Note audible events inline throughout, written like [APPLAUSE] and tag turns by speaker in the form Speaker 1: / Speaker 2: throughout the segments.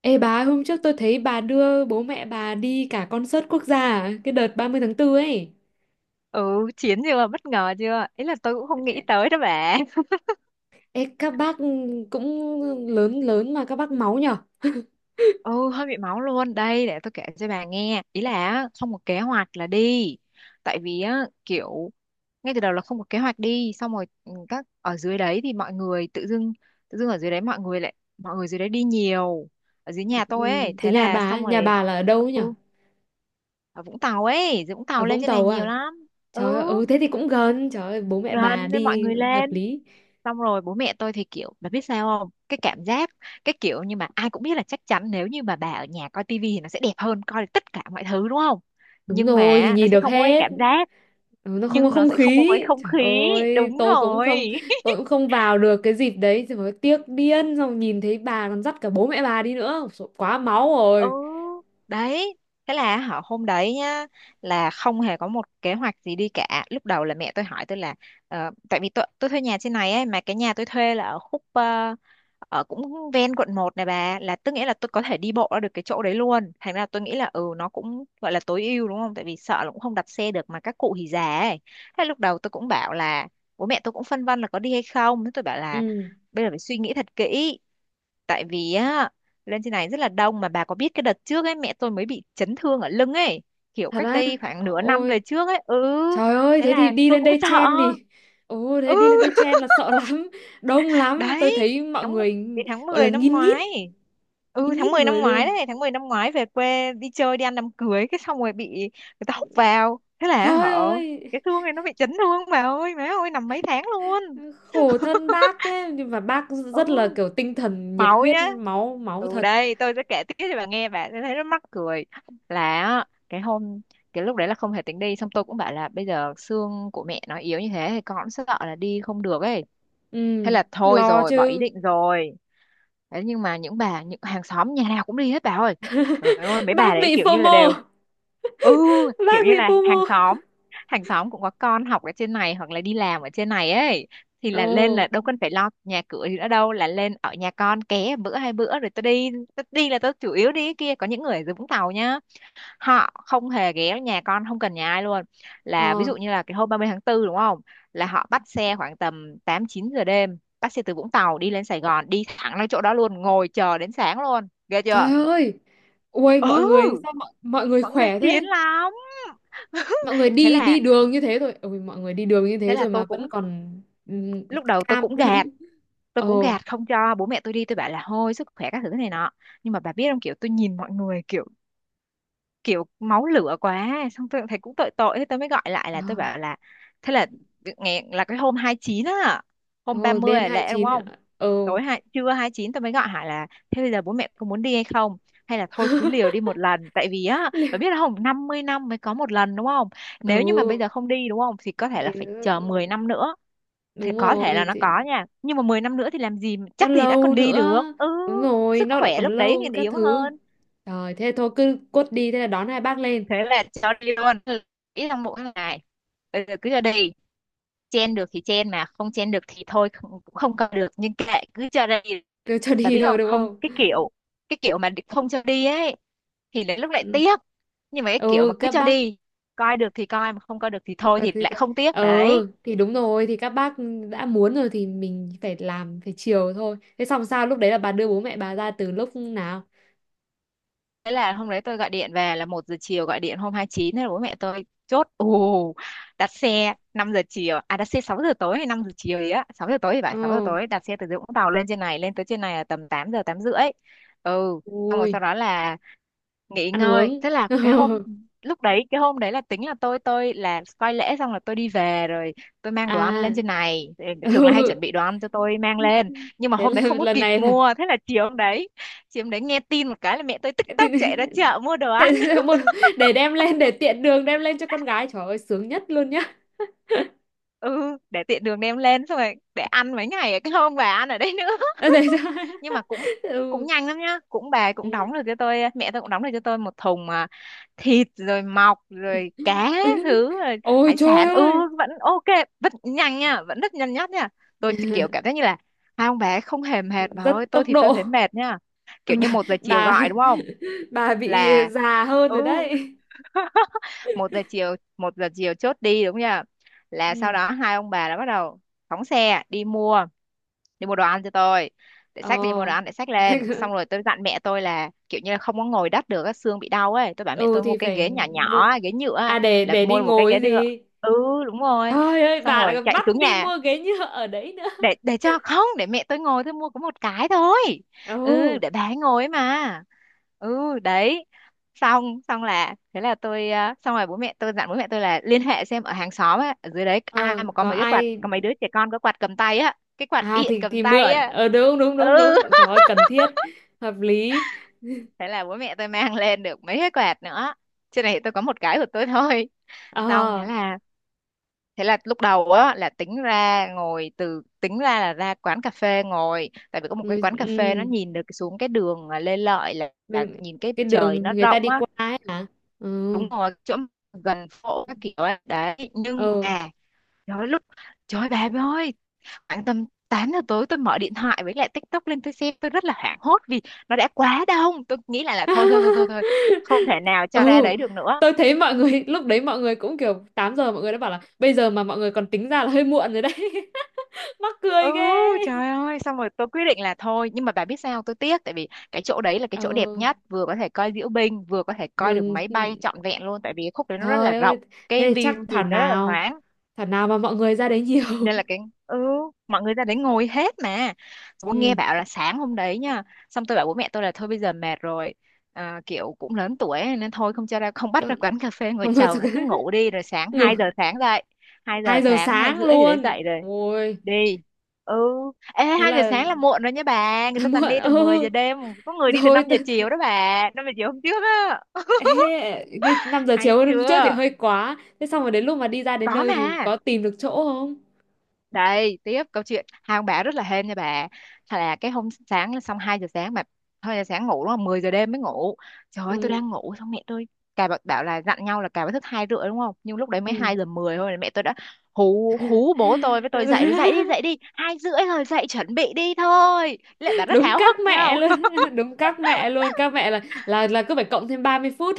Speaker 1: Ê bà, hôm trước tôi thấy bà đưa bố mẹ bà đi cả concert quốc gia à? Cái đợt 30 tháng 4 ấy.
Speaker 2: Ừ, chiến chưa? Bất ngờ chưa? Ý là tôi cũng không nghĩ tới đó bà. [LAUGHS]
Speaker 1: Ê, các bác cũng lớn lớn mà các bác máu nhở? [LAUGHS]
Speaker 2: Ừ, hơi bị máu luôn. Đây, để tôi kể cho bà nghe. Ý là á, không có kế hoạch là đi. Tại vì á, kiểu ngay từ đầu là không có kế hoạch đi. Xong rồi ừ, các ở dưới đấy thì mọi người tự dưng, ở dưới đấy mọi người lại, mọi người dưới đấy đi nhiều. Ở dưới nhà
Speaker 1: Ừ.
Speaker 2: tôi ấy.
Speaker 1: Rồi
Speaker 2: Thế
Speaker 1: nhà
Speaker 2: là
Speaker 1: bà,
Speaker 2: xong
Speaker 1: ấy,
Speaker 2: rồi,
Speaker 1: nhà bà là ở đâu ấy nhở?
Speaker 2: ừ, ở Vũng Tàu ấy. Dưới Vũng
Speaker 1: Ở
Speaker 2: Tàu lên
Speaker 1: Vũng
Speaker 2: trên này
Speaker 1: Tàu
Speaker 2: nhiều
Speaker 1: à?
Speaker 2: lắm. Ừ,
Speaker 1: Trời ơi, ừ thế thì cũng gần, trời ơi, bố mẹ bà
Speaker 2: gần nên mọi
Speaker 1: đi
Speaker 2: người
Speaker 1: hợp
Speaker 2: lên.
Speaker 1: lý.
Speaker 2: Xong rồi bố mẹ tôi thì kiểu bà biết sao không, cái cảm giác cái kiểu nhưng mà ai cũng biết là chắc chắn nếu như mà bà ở nhà coi tivi thì nó sẽ đẹp hơn, coi được tất cả mọi thứ đúng không,
Speaker 1: Đúng
Speaker 2: nhưng
Speaker 1: rồi, thì
Speaker 2: mà nó
Speaker 1: nhìn
Speaker 2: sẽ
Speaker 1: được
Speaker 2: không có cái
Speaker 1: hết.
Speaker 2: cảm giác,
Speaker 1: Ừ, nó không có
Speaker 2: nhưng nó
Speaker 1: không
Speaker 2: sẽ không có
Speaker 1: khí.
Speaker 2: cái không
Speaker 1: Trời
Speaker 2: khí,
Speaker 1: ơi,
Speaker 2: đúng
Speaker 1: tôi cũng
Speaker 2: rồi.
Speaker 1: không
Speaker 2: [LAUGHS]
Speaker 1: tôi cũng không vào được cái dịp đấy, trời ơi, tiếc điên xong nhìn thấy bà còn dắt cả bố mẹ bà đi nữa. Ôi, dồi, quá máu
Speaker 2: Ừ
Speaker 1: rồi.
Speaker 2: đấy, thế là họ hôm đấy nhá, là không hề có một kế hoạch gì đi cả. Lúc đầu là mẹ tôi hỏi tôi là tại vì tôi thuê nhà trên này ấy, mà cái nhà tôi thuê là ở khúc ở cũng ven quận một này bà, là tức nghĩa là tôi có thể đi bộ ra được cái chỗ đấy luôn, thành ra tôi nghĩ là ừ nó cũng gọi là tối ưu đúng không, tại vì sợ là cũng không đặt xe được mà các cụ thì già ấy. Thế lúc đầu tôi cũng bảo là bố mẹ tôi cũng phân vân là có đi hay không, thế tôi bảo là
Speaker 1: Ừ.
Speaker 2: bây giờ phải suy nghĩ thật kỹ, tại vì á lên trên này rất là đông. Mà bà có biết cái đợt trước ấy, mẹ tôi mới bị chấn thương ở lưng ấy, kiểu
Speaker 1: Thật
Speaker 2: cách
Speaker 1: á?
Speaker 2: đây khoảng nửa năm về
Speaker 1: Ôi,
Speaker 2: trước ấy, ừ
Speaker 1: trời ơi,
Speaker 2: thế
Speaker 1: thế thì
Speaker 2: là
Speaker 1: đi
Speaker 2: tôi
Speaker 1: lên
Speaker 2: cũng
Speaker 1: đây
Speaker 2: sợ.
Speaker 1: chen thì... Ồ, thế
Speaker 2: Ừ.
Speaker 1: đi lên đây
Speaker 2: [LAUGHS]
Speaker 1: chen là sợ [LAUGHS] lắm, đông lắm. Tôi
Speaker 2: Đấy,
Speaker 1: thấy mọi
Speaker 2: tháng
Speaker 1: người
Speaker 2: đến tháng
Speaker 1: gọi là
Speaker 2: 10 năm ngoái,
Speaker 1: nghìn
Speaker 2: ừ tháng
Speaker 1: nghít
Speaker 2: 10 năm
Speaker 1: người luôn.
Speaker 2: ngoái đấy, tháng 10 năm ngoái về quê đi chơi đi ăn đám cưới, cái xong rồi bị người ta húc vào, thế là
Speaker 1: Trời
Speaker 2: họ
Speaker 1: ơi,
Speaker 2: cái thương này nó bị chấn thương bà ơi, má ơi, nằm mấy tháng luôn.
Speaker 1: khổ thân bác thế. Nhưng mà bác
Speaker 2: Ừ,
Speaker 1: rất là kiểu tinh thần, nhiệt
Speaker 2: máu
Speaker 1: huyết,
Speaker 2: nhá.
Speaker 1: máu, máu
Speaker 2: Ừ,
Speaker 1: thật.
Speaker 2: đây tôi sẽ kể tiếp cho bà nghe, bà sẽ thấy rất mắc cười. Là á, cái hôm cái lúc đấy là không thể tính đi, xong tôi cũng bảo là bây giờ xương của mẹ nó yếu như thế thì con cũng sợ là đi không được ấy,
Speaker 1: Ừ,
Speaker 2: thế là thôi
Speaker 1: lo
Speaker 2: rồi, bỏ ý
Speaker 1: chứ.
Speaker 2: định rồi. Thế nhưng mà những bà, những hàng xóm nhà nào cũng đi hết bà ơi, trời ơi mấy
Speaker 1: [LAUGHS] Bác
Speaker 2: bà đấy
Speaker 1: bị
Speaker 2: kiểu như là
Speaker 1: FOMO,
Speaker 2: đều ừ kiểu
Speaker 1: bác bị
Speaker 2: như là hàng
Speaker 1: FOMO.
Speaker 2: xóm, hàng xóm cũng có con học ở trên này hoặc là đi làm ở trên này ấy, thì là lên là
Speaker 1: Ồ,
Speaker 2: đâu cần phải lo nhà cửa gì nữa đâu, là lên ở nhà con ké bữa hai bữa rồi tao đi. Tao đi là tao chủ yếu đi cái kia, có những người ở dưới Vũng Tàu nhá, họ không hề ghé nhà con, không cần nhà ai luôn. Là ví
Speaker 1: ờ,
Speaker 2: dụ như là cái hôm 30 tháng 4 đúng không, là họ bắt xe khoảng tầm 8 9 giờ đêm, bắt xe từ Vũng Tàu đi lên Sài Gòn đi thẳng lên chỗ đó luôn, ngồi chờ đến sáng luôn, ghê
Speaker 1: trời
Speaker 2: chưa.
Speaker 1: ơi. Ui, mọi người,
Speaker 2: Ừ
Speaker 1: sao mọi người
Speaker 2: mọi người
Speaker 1: khỏe
Speaker 2: chiến
Speaker 1: thế?
Speaker 2: lắm.
Speaker 1: Mọi
Speaker 2: [LAUGHS]
Speaker 1: người
Speaker 2: Thế
Speaker 1: đi
Speaker 2: là
Speaker 1: đi đường như thế rồi ôi mọi người đi đường như
Speaker 2: thế
Speaker 1: thế
Speaker 2: là
Speaker 1: rồi mà
Speaker 2: tôi
Speaker 1: vẫn
Speaker 2: cũng
Speaker 1: còn ừm,
Speaker 2: lúc đầu
Speaker 1: cam. [LAUGHS]
Speaker 2: tôi cũng
Speaker 1: Ồ.
Speaker 2: gạt không cho bố mẹ tôi đi, tôi bảo là thôi sức khỏe các thứ này nọ. Nhưng mà bà biết không, kiểu tôi nhìn mọi người kiểu kiểu máu lửa quá, xong tôi cũng thấy cũng tội tội, thế tôi mới gọi lại
Speaker 1: ờ,
Speaker 2: là tôi bảo là thế là ngày là cái hôm 29 á, hôm
Speaker 1: Ồ,
Speaker 2: 30
Speaker 1: đêm
Speaker 2: là lễ đúng
Speaker 1: 29
Speaker 2: không,
Speaker 1: ạ. Ồ.
Speaker 2: tối hai trưa 29 tôi mới gọi hỏi là thế bây giờ bố mẹ có muốn đi hay không, hay là thôi cứ liều đi
Speaker 1: [LAUGHS]
Speaker 2: một lần, tại vì á bà
Speaker 1: Liệu-
Speaker 2: biết không, 50 năm mới có một lần đúng không,
Speaker 1: ừ
Speaker 2: nếu như mà bây giờ không đi đúng không thì có thể là
Speaker 1: thì
Speaker 2: phải
Speaker 1: ờ,
Speaker 2: chờ 10
Speaker 1: ờ,
Speaker 2: năm nữa, thì
Speaker 1: đúng
Speaker 2: có thể
Speaker 1: rồi
Speaker 2: là nó
Speaker 1: thì
Speaker 2: có nha, nhưng mà 10 năm nữa thì làm gì
Speaker 1: nó
Speaker 2: chắc gì đã
Speaker 1: lâu
Speaker 2: còn đi được.
Speaker 1: nữa,
Speaker 2: Ừ
Speaker 1: đúng rồi
Speaker 2: sức
Speaker 1: nó lại
Speaker 2: khỏe
Speaker 1: còn
Speaker 2: lúc đấy
Speaker 1: lâu
Speaker 2: thì
Speaker 1: các
Speaker 2: yếu
Speaker 1: thứ.
Speaker 2: hơn.
Speaker 1: Rồi thế thôi cứ cốt đi, thế là đón hai bác lên.
Speaker 2: Thế là cho đi luôn, ít trong mỗi ngày, bây giờ cứ cho đi, chen được thì chen mà không chen được thì thôi, không- cũng không cầm được nhưng kệ cứ cho đi.
Speaker 1: Cứ cho
Speaker 2: Bà
Speaker 1: đi
Speaker 2: biết
Speaker 1: thôi
Speaker 2: không,
Speaker 1: đúng
Speaker 2: không
Speaker 1: không.
Speaker 2: cái kiểu cái kiểu mà không cho đi ấy thì lại lúc lại
Speaker 1: Ừ.
Speaker 2: tiếc, nhưng mà cái kiểu mà
Speaker 1: Ừ,
Speaker 2: cứ
Speaker 1: các
Speaker 2: cho
Speaker 1: bác
Speaker 2: đi, coi được thì coi mà không coi được thì
Speaker 1: không
Speaker 2: thôi
Speaker 1: cần
Speaker 2: thì
Speaker 1: gì
Speaker 2: lại
Speaker 1: đâu.
Speaker 2: không tiếc
Speaker 1: Ờ
Speaker 2: đấy.
Speaker 1: thì đúng rồi thì các bác đã muốn rồi thì mình phải làm phải chiều thôi. Thế xong sao lúc đấy là bà đưa bố mẹ bà ra từ lúc nào?
Speaker 2: Thế là hôm đấy tôi gọi điện về là một giờ chiều, gọi điện hôm hai mươi chín, thế là bố mẹ tôi chốt ù, đặt xe 5 giờ chiều, à đặt xe 6 giờ tối hay 5 giờ chiều gì á, 6 giờ tối thì phải, 6 giờ
Speaker 1: Ờ.
Speaker 2: tối đặt xe từ Vũng Tàu lên trên này, lên tới trên này là tầm 8 giờ 8 rưỡi. Ừ, xong rồi sau
Speaker 1: Ui.
Speaker 2: đó là nghỉ
Speaker 1: Ăn
Speaker 2: ngơi,
Speaker 1: uống.
Speaker 2: thế là cái hôm
Speaker 1: [LAUGHS]
Speaker 2: lúc đấy, cái hôm đấy là tính là tôi là coi lễ xong là tôi đi về rồi, tôi mang đồ ăn
Speaker 1: À.
Speaker 2: lên trên này. Thì thường là hay
Speaker 1: Ừ.
Speaker 2: chuẩn bị đồ ăn cho tôi mang lên, nhưng mà
Speaker 1: Thế
Speaker 2: hôm đấy
Speaker 1: là
Speaker 2: không có
Speaker 1: lần
Speaker 2: kịp
Speaker 1: này là
Speaker 2: mua, thế là chiều hôm đấy chị hôm đấy nghe tin một cái là mẹ tôi tức
Speaker 1: [LAUGHS]
Speaker 2: tốc chạy ra
Speaker 1: thì-
Speaker 2: chợ mua đồ
Speaker 1: thế
Speaker 2: ăn.
Speaker 1: là
Speaker 2: [LAUGHS]
Speaker 1: một để đem lên, để tiện đường đem lên cho con gái, trời ơi sướng nhất luôn nhá. [LAUGHS]
Speaker 2: Ừ để tiện đường đem lên, xong rồi để ăn mấy ngày, cái hôm bà ăn ở đấy nữa.
Speaker 1: Ờ, để cho.
Speaker 2: [LAUGHS] Nhưng mà cũng cũng
Speaker 1: Ừ.
Speaker 2: nhanh lắm nhá, cũng bà cũng đóng
Speaker 1: Ừ.
Speaker 2: được cho tôi, mẹ tôi cũng đóng được cho tôi một thùng mà thịt rồi mọc rồi cá
Speaker 1: [LAUGHS]
Speaker 2: thứ rồi
Speaker 1: Ôi
Speaker 2: hải
Speaker 1: trời
Speaker 2: sản. Ừ
Speaker 1: ơi.
Speaker 2: vẫn ok, vẫn nhanh nha, vẫn rất nhanh nhất nha. Tôi kiểu cảm giác
Speaker 1: [LAUGHS]
Speaker 2: như là hai ông bà không hề mệt bà
Speaker 1: Rất
Speaker 2: ơi, tôi
Speaker 1: tốc
Speaker 2: thì tôi
Speaker 1: độ.
Speaker 2: thấy mệt nha.
Speaker 1: [LAUGHS]
Speaker 2: Kiểu như
Speaker 1: bà
Speaker 2: một giờ chiều
Speaker 1: bà
Speaker 2: gọi đúng
Speaker 1: [LAUGHS]
Speaker 2: không,
Speaker 1: bà bị
Speaker 2: là
Speaker 1: già hơn
Speaker 2: ừ.
Speaker 1: rồi đấy.
Speaker 2: [LAUGHS] Một giờ chiều, một giờ chiều chốt đi đúng chưa, là sau
Speaker 1: Ừ.
Speaker 2: đó hai ông bà đã bắt đầu phóng xe đi mua, đi mua đồ ăn cho tôi, để xách đi mua đồ
Speaker 1: Ờ.
Speaker 2: ăn để xách lên. Xong
Speaker 1: [LAUGHS]
Speaker 2: rồi tôi dặn mẹ tôi là kiểu như là không có ngồi đất được á, xương bị đau ấy, tôi bảo mẹ
Speaker 1: Ừ
Speaker 2: tôi mua
Speaker 1: thì
Speaker 2: cái
Speaker 1: phải
Speaker 2: ghế nhỏ
Speaker 1: mua.
Speaker 2: nhỏ á, ghế nhựa á,
Speaker 1: À
Speaker 2: là
Speaker 1: để đi
Speaker 2: mua một cái ghế
Speaker 1: ngồi
Speaker 2: được.
Speaker 1: gì?
Speaker 2: Ừ đúng rồi,
Speaker 1: Ơi ơi
Speaker 2: xong
Speaker 1: bà lại
Speaker 2: rồi
Speaker 1: còn
Speaker 2: chạy
Speaker 1: bắt
Speaker 2: xuống
Speaker 1: đi
Speaker 2: nhà
Speaker 1: mua ghế nhựa ở đấy nữa.
Speaker 2: để cho không, để mẹ tôi ngồi, tôi mua có một cái thôi. Ừ
Speaker 1: Ừ.
Speaker 2: để bà ấy ngồi ấy mà. Ừ đấy, xong xong là thế là tôi xong rồi bố mẹ tôi dặn, bố mẹ tôi là liên hệ xem ở hàng xóm á ở dưới đấy ai
Speaker 1: Ờ
Speaker 2: mà có
Speaker 1: có
Speaker 2: mấy cái quạt,
Speaker 1: ai.
Speaker 2: có mấy đứa trẻ con có quạt cầm tay á, cái quạt
Speaker 1: À
Speaker 2: điện cầm
Speaker 1: thì
Speaker 2: tay
Speaker 1: mượn,
Speaker 2: á.
Speaker 1: ờ đúng đúng đúng
Speaker 2: Ừ
Speaker 1: đúng, trời ơi, cần thiết, hợp lý.
Speaker 2: thế là bố mẹ tôi mang lên được mấy cái quạt nữa, trên này tôi có một cái của tôi thôi. Xong
Speaker 1: Ờ
Speaker 2: thế là lúc đầu á là tính ra ngồi từ, tính ra là ra quán cà phê ngồi, tại vì có một cái
Speaker 1: người.
Speaker 2: quán cà phê nó
Speaker 1: Ừ
Speaker 2: nhìn được xuống cái đường à, Lê Lợi là
Speaker 1: bên-
Speaker 2: nhìn cái
Speaker 1: cái
Speaker 2: trời
Speaker 1: đường
Speaker 2: nó
Speaker 1: người ta
Speaker 2: rộng
Speaker 1: đi
Speaker 2: á,
Speaker 1: qua ấy hả? Ừ.
Speaker 2: đúng rồi chỗ gần phố các kiểu á. Đấy, nhưng
Speaker 1: Ờ.
Speaker 2: mà trời ơi, lúc trời ơi, bà ơi, khoảng tầm 8 giờ tối tôi mở điện thoại với lại TikTok lên tôi xem, tôi rất là hoảng hốt vì nó đã quá đông. Tôi nghĩ lại là thôi thôi thôi thôi thôi, không thể
Speaker 1: [LAUGHS]
Speaker 2: nào
Speaker 1: Ừ.
Speaker 2: cho ra đấy được nữa.
Speaker 1: Tôi thấy mọi người lúc đấy, mọi người cũng kiểu 8 giờ mọi người đã bảo là bây giờ mà mọi người còn tính ra là hơi muộn rồi đấy. [LAUGHS] Mắc
Speaker 2: Ừ.
Speaker 1: cười ghê.
Speaker 2: Trời ơi, xong rồi tôi quyết định là thôi, nhưng mà bà biết sao tôi tiếc, tại vì cái chỗ đấy là cái
Speaker 1: Ờ
Speaker 2: chỗ đẹp nhất, vừa có thể coi diễu binh vừa có thể coi được
Speaker 1: mừng.
Speaker 2: máy bay trọn vẹn luôn, tại vì cái khúc đấy nó rất là
Speaker 1: Trời
Speaker 2: rộng,
Speaker 1: ơi,
Speaker 2: cái
Speaker 1: thế thì chắc
Speaker 2: view
Speaker 1: thảo
Speaker 2: nhìn nó rất là
Speaker 1: nào,
Speaker 2: thoáng.
Speaker 1: thảo nào mà mọi người ra đấy nhiều.
Speaker 2: Nên là
Speaker 1: [LAUGHS]
Speaker 2: ừ, mọi người ra đấy ngồi hết mà. Xong tôi
Speaker 1: Ừ.
Speaker 2: nghe bảo là sáng hôm đấy nha, xong tôi bảo bố mẹ tôi là thôi bây giờ mệt rồi, kiểu cũng lớn tuổi ấy, nên thôi không cho ra, không bắt
Speaker 1: Không,
Speaker 2: ra quán cà phê ngồi
Speaker 1: không bao
Speaker 2: chầu,
Speaker 1: giờ.
Speaker 2: nó cứ ngủ
Speaker 1: [LAUGHS]
Speaker 2: đi rồi sáng
Speaker 1: Ngủ
Speaker 2: 2 giờ sáng dậy. Hai giờ
Speaker 1: hai giờ
Speaker 2: sáng hai
Speaker 1: sáng
Speaker 2: rưỡi gì đấy
Speaker 1: luôn,
Speaker 2: dậy rồi
Speaker 1: ôi.
Speaker 2: đi. Ừ. Ê,
Speaker 1: Thế
Speaker 2: hai giờ
Speaker 1: là,
Speaker 2: sáng là muộn rồi nha bà,
Speaker 1: [LAUGHS]
Speaker 2: người
Speaker 1: là
Speaker 2: ta toàn
Speaker 1: muộn,
Speaker 2: đi từ
Speaker 1: ừ.
Speaker 2: 10 giờ đêm. Có
Speaker 1: [LAUGHS]
Speaker 2: người đi từ 5
Speaker 1: Rồi
Speaker 2: giờ
Speaker 1: tôi.
Speaker 2: chiều đó bà, 5 giờ chiều hôm trước á. [LAUGHS]
Speaker 1: Ê, như 5 giờ chiều
Speaker 2: Hay
Speaker 1: hôm trước thì
Speaker 2: chưa?
Speaker 1: hơi quá. Thế xong rồi đến lúc mà đi ra đến
Speaker 2: Có
Speaker 1: nơi thì
Speaker 2: mà.
Speaker 1: có tìm được chỗ không?
Speaker 2: Đây tiếp câu chuyện hai ông bà rất là hên nha bà. Thật là cái hôm sáng là xong 2 giờ sáng mà 2 giờ sáng ngủ đúng không, 10 giờ đêm mới ngủ. Trời ơi tôi
Speaker 1: Ừ.
Speaker 2: đang ngủ xong mẹ tôi bảo là dặn nhau là cà phải thức hai rưỡi đúng không, nhưng lúc đấy mới
Speaker 1: Ừ.
Speaker 2: 2 giờ 10 thôi là mẹ tôi đã hú hú, bố tôi với tôi dậy rồi, dậy đi dậy
Speaker 1: [LAUGHS]
Speaker 2: đi, hai rưỡi rồi dậy chuẩn bị đi thôi. Lại bà rất
Speaker 1: Đúng
Speaker 2: háo
Speaker 1: các
Speaker 2: hức thấy
Speaker 1: mẹ luôn.
Speaker 2: không.
Speaker 1: [LAUGHS] Đúng các mẹ luôn, các mẹ là cứ phải cộng thêm ba mươi phút.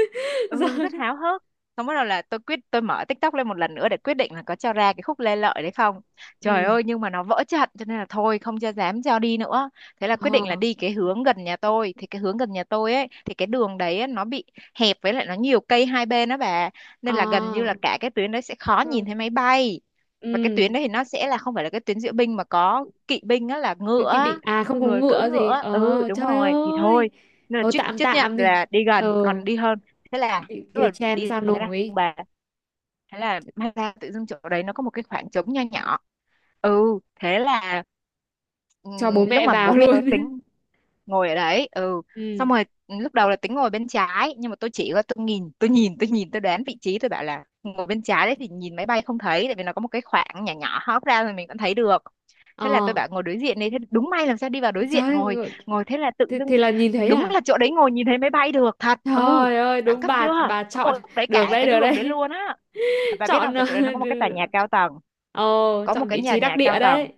Speaker 1: [LAUGHS]
Speaker 2: Ừ
Speaker 1: Rồi.
Speaker 2: rất háo hức. Xong bắt đầu là tôi mở TikTok lên một lần nữa để quyết định là có cho ra cái khúc Lê Lợi đấy không. Trời
Speaker 1: Ừ.
Speaker 2: ơi nhưng mà nó vỡ trận, cho nên là thôi không cho, dám cho đi nữa. Thế là quyết định là
Speaker 1: Ờ.
Speaker 2: đi cái hướng gần nhà tôi, thì cái hướng gần nhà tôi ấy thì cái đường đấy á, nó bị hẹp, với lại nó nhiều cây hai bên đó bà, nên là gần như là
Speaker 1: À
Speaker 2: cả cái tuyến đấy sẽ khó
Speaker 1: không.
Speaker 2: nhìn thấy máy bay.
Speaker 1: Ừ
Speaker 2: Và cái tuyến đấy thì nó sẽ là không phải là cái tuyến diễu binh mà có kỵ binh á, là
Speaker 1: cực
Speaker 2: ngựa
Speaker 1: kỳ
Speaker 2: á,
Speaker 1: định, à không có
Speaker 2: người cưỡi
Speaker 1: ngựa gì,
Speaker 2: ngựa á. Ừ
Speaker 1: ờ
Speaker 2: đúng
Speaker 1: trời
Speaker 2: rồi thì thôi,
Speaker 1: ơi.
Speaker 2: nên là
Speaker 1: Thôi
Speaker 2: chấp
Speaker 1: tạm
Speaker 2: chấp nhận
Speaker 1: tạm đi.
Speaker 2: là đi
Speaker 1: Ờ
Speaker 2: gần còn đi hơn. Thế là
Speaker 1: bị
Speaker 2: tức
Speaker 1: kia
Speaker 2: là
Speaker 1: chen
Speaker 2: đi
Speaker 1: sao
Speaker 2: thế là
Speaker 1: nổi.
Speaker 2: Thế là may ra tự dưng chỗ đấy nó có một cái khoảng trống nho nhỏ. Ừ thế là, ừ,
Speaker 1: Cho bố
Speaker 2: lúc
Speaker 1: mẹ
Speaker 2: mà bố
Speaker 1: vào
Speaker 2: mẹ tôi
Speaker 1: luôn. [LAUGHS]
Speaker 2: tính ngồi ở đấy. Ừ
Speaker 1: Ừ.
Speaker 2: xong rồi, ừ, lúc đầu là tính ngồi bên trái, nhưng mà tôi chỉ có tôi nhìn tôi đoán vị trí, tôi bảo là ngồi bên trái đấy thì nhìn máy bay không thấy, tại vì nó có một cái khoảng nhỏ nhỏ hóp ra rồi mình vẫn thấy được. Thế là tôi
Speaker 1: Ờ.
Speaker 2: bảo ngồi đối diện đi, thế đúng may làm sao, đi vào đối diện
Speaker 1: Trời
Speaker 2: ngồi
Speaker 1: ơi,
Speaker 2: ngồi thế là tự dưng
Speaker 1: thì là nhìn thấy
Speaker 2: đúng
Speaker 1: à?
Speaker 2: là chỗ đấy ngồi nhìn thấy máy bay được thật. Ừ,
Speaker 1: Trời ơi,
Speaker 2: đẳng
Speaker 1: đúng
Speaker 2: cấp chưa.
Speaker 1: bà
Speaker 2: Có
Speaker 1: chọn
Speaker 2: mỗi lúc đấy
Speaker 1: được
Speaker 2: cả
Speaker 1: đấy,
Speaker 2: cái
Speaker 1: được
Speaker 2: đường đấy
Speaker 1: đấy.
Speaker 2: luôn á.
Speaker 1: [LAUGHS]
Speaker 2: Bà biết
Speaker 1: Chọn
Speaker 2: không,
Speaker 1: ờ,
Speaker 2: cái chỗ đấy nó có một cái tòa
Speaker 1: đừ-
Speaker 2: nhà cao tầng,
Speaker 1: Ồ,
Speaker 2: có một
Speaker 1: chọn
Speaker 2: cái
Speaker 1: vị
Speaker 2: nhà
Speaker 1: trí đắc
Speaker 2: nhà
Speaker 1: địa
Speaker 2: cao tầng,
Speaker 1: đấy.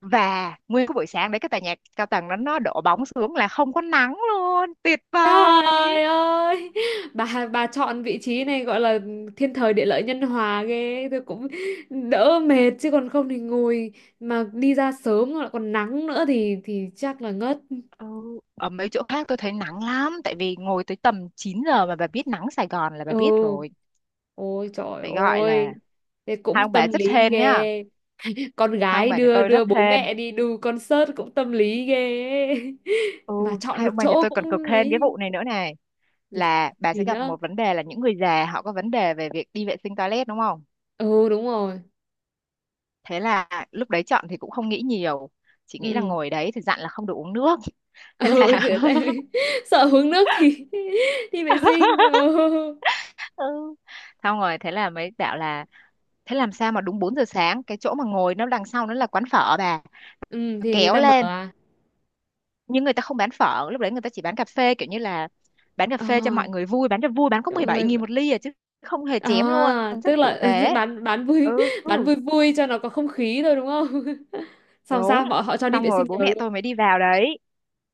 Speaker 2: và nguyên cái buổi sáng đấy cái tòa nhà cao tầng đó nó đổ bóng xuống là không có nắng luôn, tuyệt vời.
Speaker 1: Trời ơi, bà chọn vị trí này gọi là thiên thời địa lợi nhân hòa ghê, tôi cũng đỡ mệt chứ còn không thì ngồi mà đi ra sớm lại còn nắng nữa thì chắc là ngất.
Speaker 2: Ừ. Ở mấy chỗ khác tôi thấy nắng lắm, tại vì ngồi tới tầm 9 giờ, mà bà biết nắng Sài Gòn là bà biết
Speaker 1: Ừ,
Speaker 2: rồi,
Speaker 1: ôi trời
Speaker 2: phải gọi
Speaker 1: ơi,
Speaker 2: là
Speaker 1: thế
Speaker 2: hai
Speaker 1: cũng
Speaker 2: ông bà
Speaker 1: tâm
Speaker 2: rất
Speaker 1: lý
Speaker 2: hên nhá,
Speaker 1: ghê. Con
Speaker 2: hai ông
Speaker 1: gái
Speaker 2: bà nhà
Speaker 1: đưa
Speaker 2: tôi rất
Speaker 1: đưa bố
Speaker 2: hên.
Speaker 1: mẹ đi đu concert cũng tâm lý ghê ấy.
Speaker 2: Ừ.
Speaker 1: [LAUGHS] Mà chọn
Speaker 2: Hai
Speaker 1: được
Speaker 2: ông bà nhà
Speaker 1: chỗ
Speaker 2: tôi còn cực
Speaker 1: cũng
Speaker 2: hên cái
Speaker 1: ấy.
Speaker 2: vụ này nữa này, là bà sẽ
Speaker 1: Gì
Speaker 2: gặp
Speaker 1: nữa.
Speaker 2: một vấn đề là những người già họ có vấn đề về việc đi vệ sinh toilet đúng không.
Speaker 1: Ừ đúng rồi.
Speaker 2: Thế là lúc đấy chọn thì cũng không nghĩ nhiều, chỉ nghĩ là
Speaker 1: Ừ.
Speaker 2: ngồi đấy thì dặn là không được uống nước.
Speaker 1: [LAUGHS]
Speaker 2: Thế
Speaker 1: Ừ thì-
Speaker 2: là
Speaker 1: tại vì
Speaker 2: [LAUGHS]
Speaker 1: [LAUGHS] sợ hướng nước thì [LAUGHS] đi vệ sinh,
Speaker 2: [LAUGHS]
Speaker 1: ừ.
Speaker 2: ừ. Xong rồi thế là mới bảo là thế làm sao mà đúng 4 giờ sáng, cái chỗ mà ngồi nó đằng sau nó là quán phở bà,
Speaker 1: Ừ thì người
Speaker 2: kéo
Speaker 1: ta mở
Speaker 2: lên,
Speaker 1: à?
Speaker 2: nhưng người ta không bán phở lúc đấy, người ta chỉ bán cà phê, kiểu như là bán cà
Speaker 1: Ờ
Speaker 2: phê cho mọi người vui, bán cho vui, bán có mười
Speaker 1: mọi
Speaker 2: bảy
Speaker 1: người.
Speaker 2: nghìn một ly à chứ không hề
Speaker 1: À
Speaker 2: chém luôn,
Speaker 1: tức
Speaker 2: rất tử
Speaker 1: là
Speaker 2: tế.
Speaker 1: [LAUGHS] bán
Speaker 2: Ừ
Speaker 1: vui. [LAUGHS] Bán vui vui cho nó có không khí thôi đúng không? [LAUGHS] Xong
Speaker 2: đúng.
Speaker 1: sao bọn họ cho đi
Speaker 2: Xong
Speaker 1: vệ
Speaker 2: rồi
Speaker 1: sinh
Speaker 2: bố
Speaker 1: nhờ
Speaker 2: mẹ
Speaker 1: luôn?
Speaker 2: tôi mới đi vào đấy.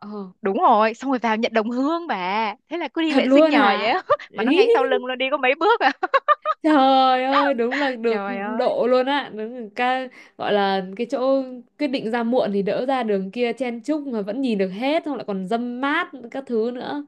Speaker 1: Ờ
Speaker 2: Đúng rồi xong rồi vào nhận đồng hương bà, thế là cứ đi
Speaker 1: thật
Speaker 2: vệ sinh
Speaker 1: luôn
Speaker 2: nhờ vậy
Speaker 1: hả?
Speaker 2: á. [LAUGHS] Mà nó ngay
Speaker 1: [LAUGHS]
Speaker 2: sau lưng nó đi có mấy bước à. [LAUGHS]
Speaker 1: Trời ơi, đúng là được
Speaker 2: Trời ơi,
Speaker 1: độ luôn á, đúng là ca, gọi là cái chỗ quyết định ra muộn thì đỡ ra đường kia chen chúc mà vẫn nhìn được hết, xong lại còn dâm mát các thứ nữa.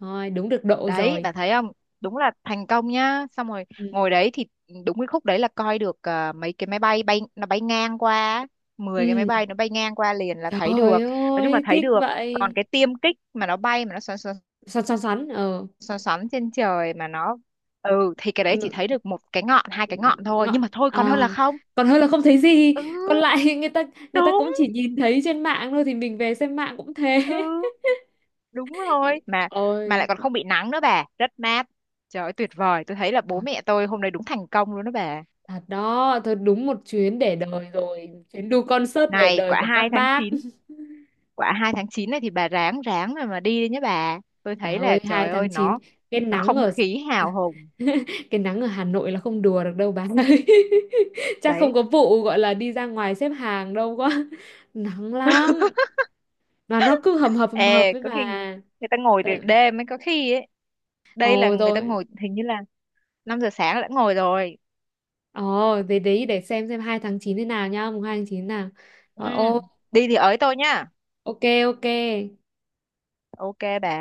Speaker 1: Thôi, đúng được độ
Speaker 2: đấy
Speaker 1: rồi.
Speaker 2: bà thấy không, đúng là thành công nhá. Xong rồi
Speaker 1: Ừ.
Speaker 2: ngồi đấy thì đúng cái khúc đấy là coi được, à, mấy cái máy bay bay nó bay ngang qua á. 10 cái máy
Speaker 1: Ừ.
Speaker 2: bay nó bay ngang qua liền là thấy được,
Speaker 1: Trời
Speaker 2: nói chung là
Speaker 1: ơi,
Speaker 2: thấy
Speaker 1: thích
Speaker 2: được. Còn
Speaker 1: vậy.
Speaker 2: cái tiêm kích mà nó bay mà nó xoắn xoắn
Speaker 1: Xoắn xoắn xoắn, ờ
Speaker 2: xoắn xoắn trên trời mà nó, ừ thì cái đấy chỉ thấy
Speaker 1: ng-
Speaker 2: được một cái ngọn hai cái ngọn thôi, nhưng
Speaker 1: ngọn
Speaker 2: mà thôi
Speaker 1: à?
Speaker 2: còn hơn là không.
Speaker 1: Còn hơn là không thấy gì,
Speaker 2: Ừ
Speaker 1: còn lại [LAUGHS] người ta, người ta
Speaker 2: đúng.
Speaker 1: cũng chỉ nhìn thấy trên mạng thôi thì mình về xem mạng cũng thế.
Speaker 2: Ừ đúng
Speaker 1: [LAUGHS]
Speaker 2: rồi. Mà
Speaker 1: Ôi.
Speaker 2: lại còn không bị nắng nữa bà, rất mát. Trời ơi tuyệt vời, tôi thấy là bố mẹ tôi hôm nay đúng thành công luôn đó bà.
Speaker 1: Thật đó, thật đúng một chuyến để đời rồi, chuyến đu concert để
Speaker 2: Này,
Speaker 1: đời
Speaker 2: quả
Speaker 1: của
Speaker 2: hai
Speaker 1: các
Speaker 2: tháng
Speaker 1: bác.
Speaker 2: chín
Speaker 1: [LAUGHS]
Speaker 2: quả 2 tháng 9 này thì bà ráng ráng rồi mà đi đi nhé bà. Tôi
Speaker 1: Bà
Speaker 2: thấy là
Speaker 1: ơi, 2
Speaker 2: trời ơi
Speaker 1: tháng chín,
Speaker 2: nó
Speaker 1: cái
Speaker 2: nó
Speaker 1: nắng
Speaker 2: không
Speaker 1: ở
Speaker 2: khí hào hùng
Speaker 1: [LAUGHS] cái nắng ở Hà Nội là không đùa được đâu bà ơi. [LAUGHS] Chắc không
Speaker 2: đấy.
Speaker 1: có vụ gọi là đi ra ngoài xếp hàng đâu quá. [LAUGHS] Nắng lắm. Mà nó cứ hầm hập
Speaker 2: Ê,
Speaker 1: với
Speaker 2: có khi
Speaker 1: bà.
Speaker 2: người ta ngồi
Speaker 1: Ờ.
Speaker 2: từ đêm ấy có khi ấy. Đây là
Speaker 1: Ồ
Speaker 2: người ta
Speaker 1: rồi.
Speaker 2: ngồi hình như là 5 giờ sáng đã ngồi rồi.
Speaker 1: Ồ, thế đấy để xem 2 tháng 9 thế nào nhá, mùng 2 tháng 9 nào. Rồi,
Speaker 2: Ừ,
Speaker 1: ô,
Speaker 2: đi thì ới tôi nhá.
Speaker 1: ok ok.
Speaker 2: Ok bà.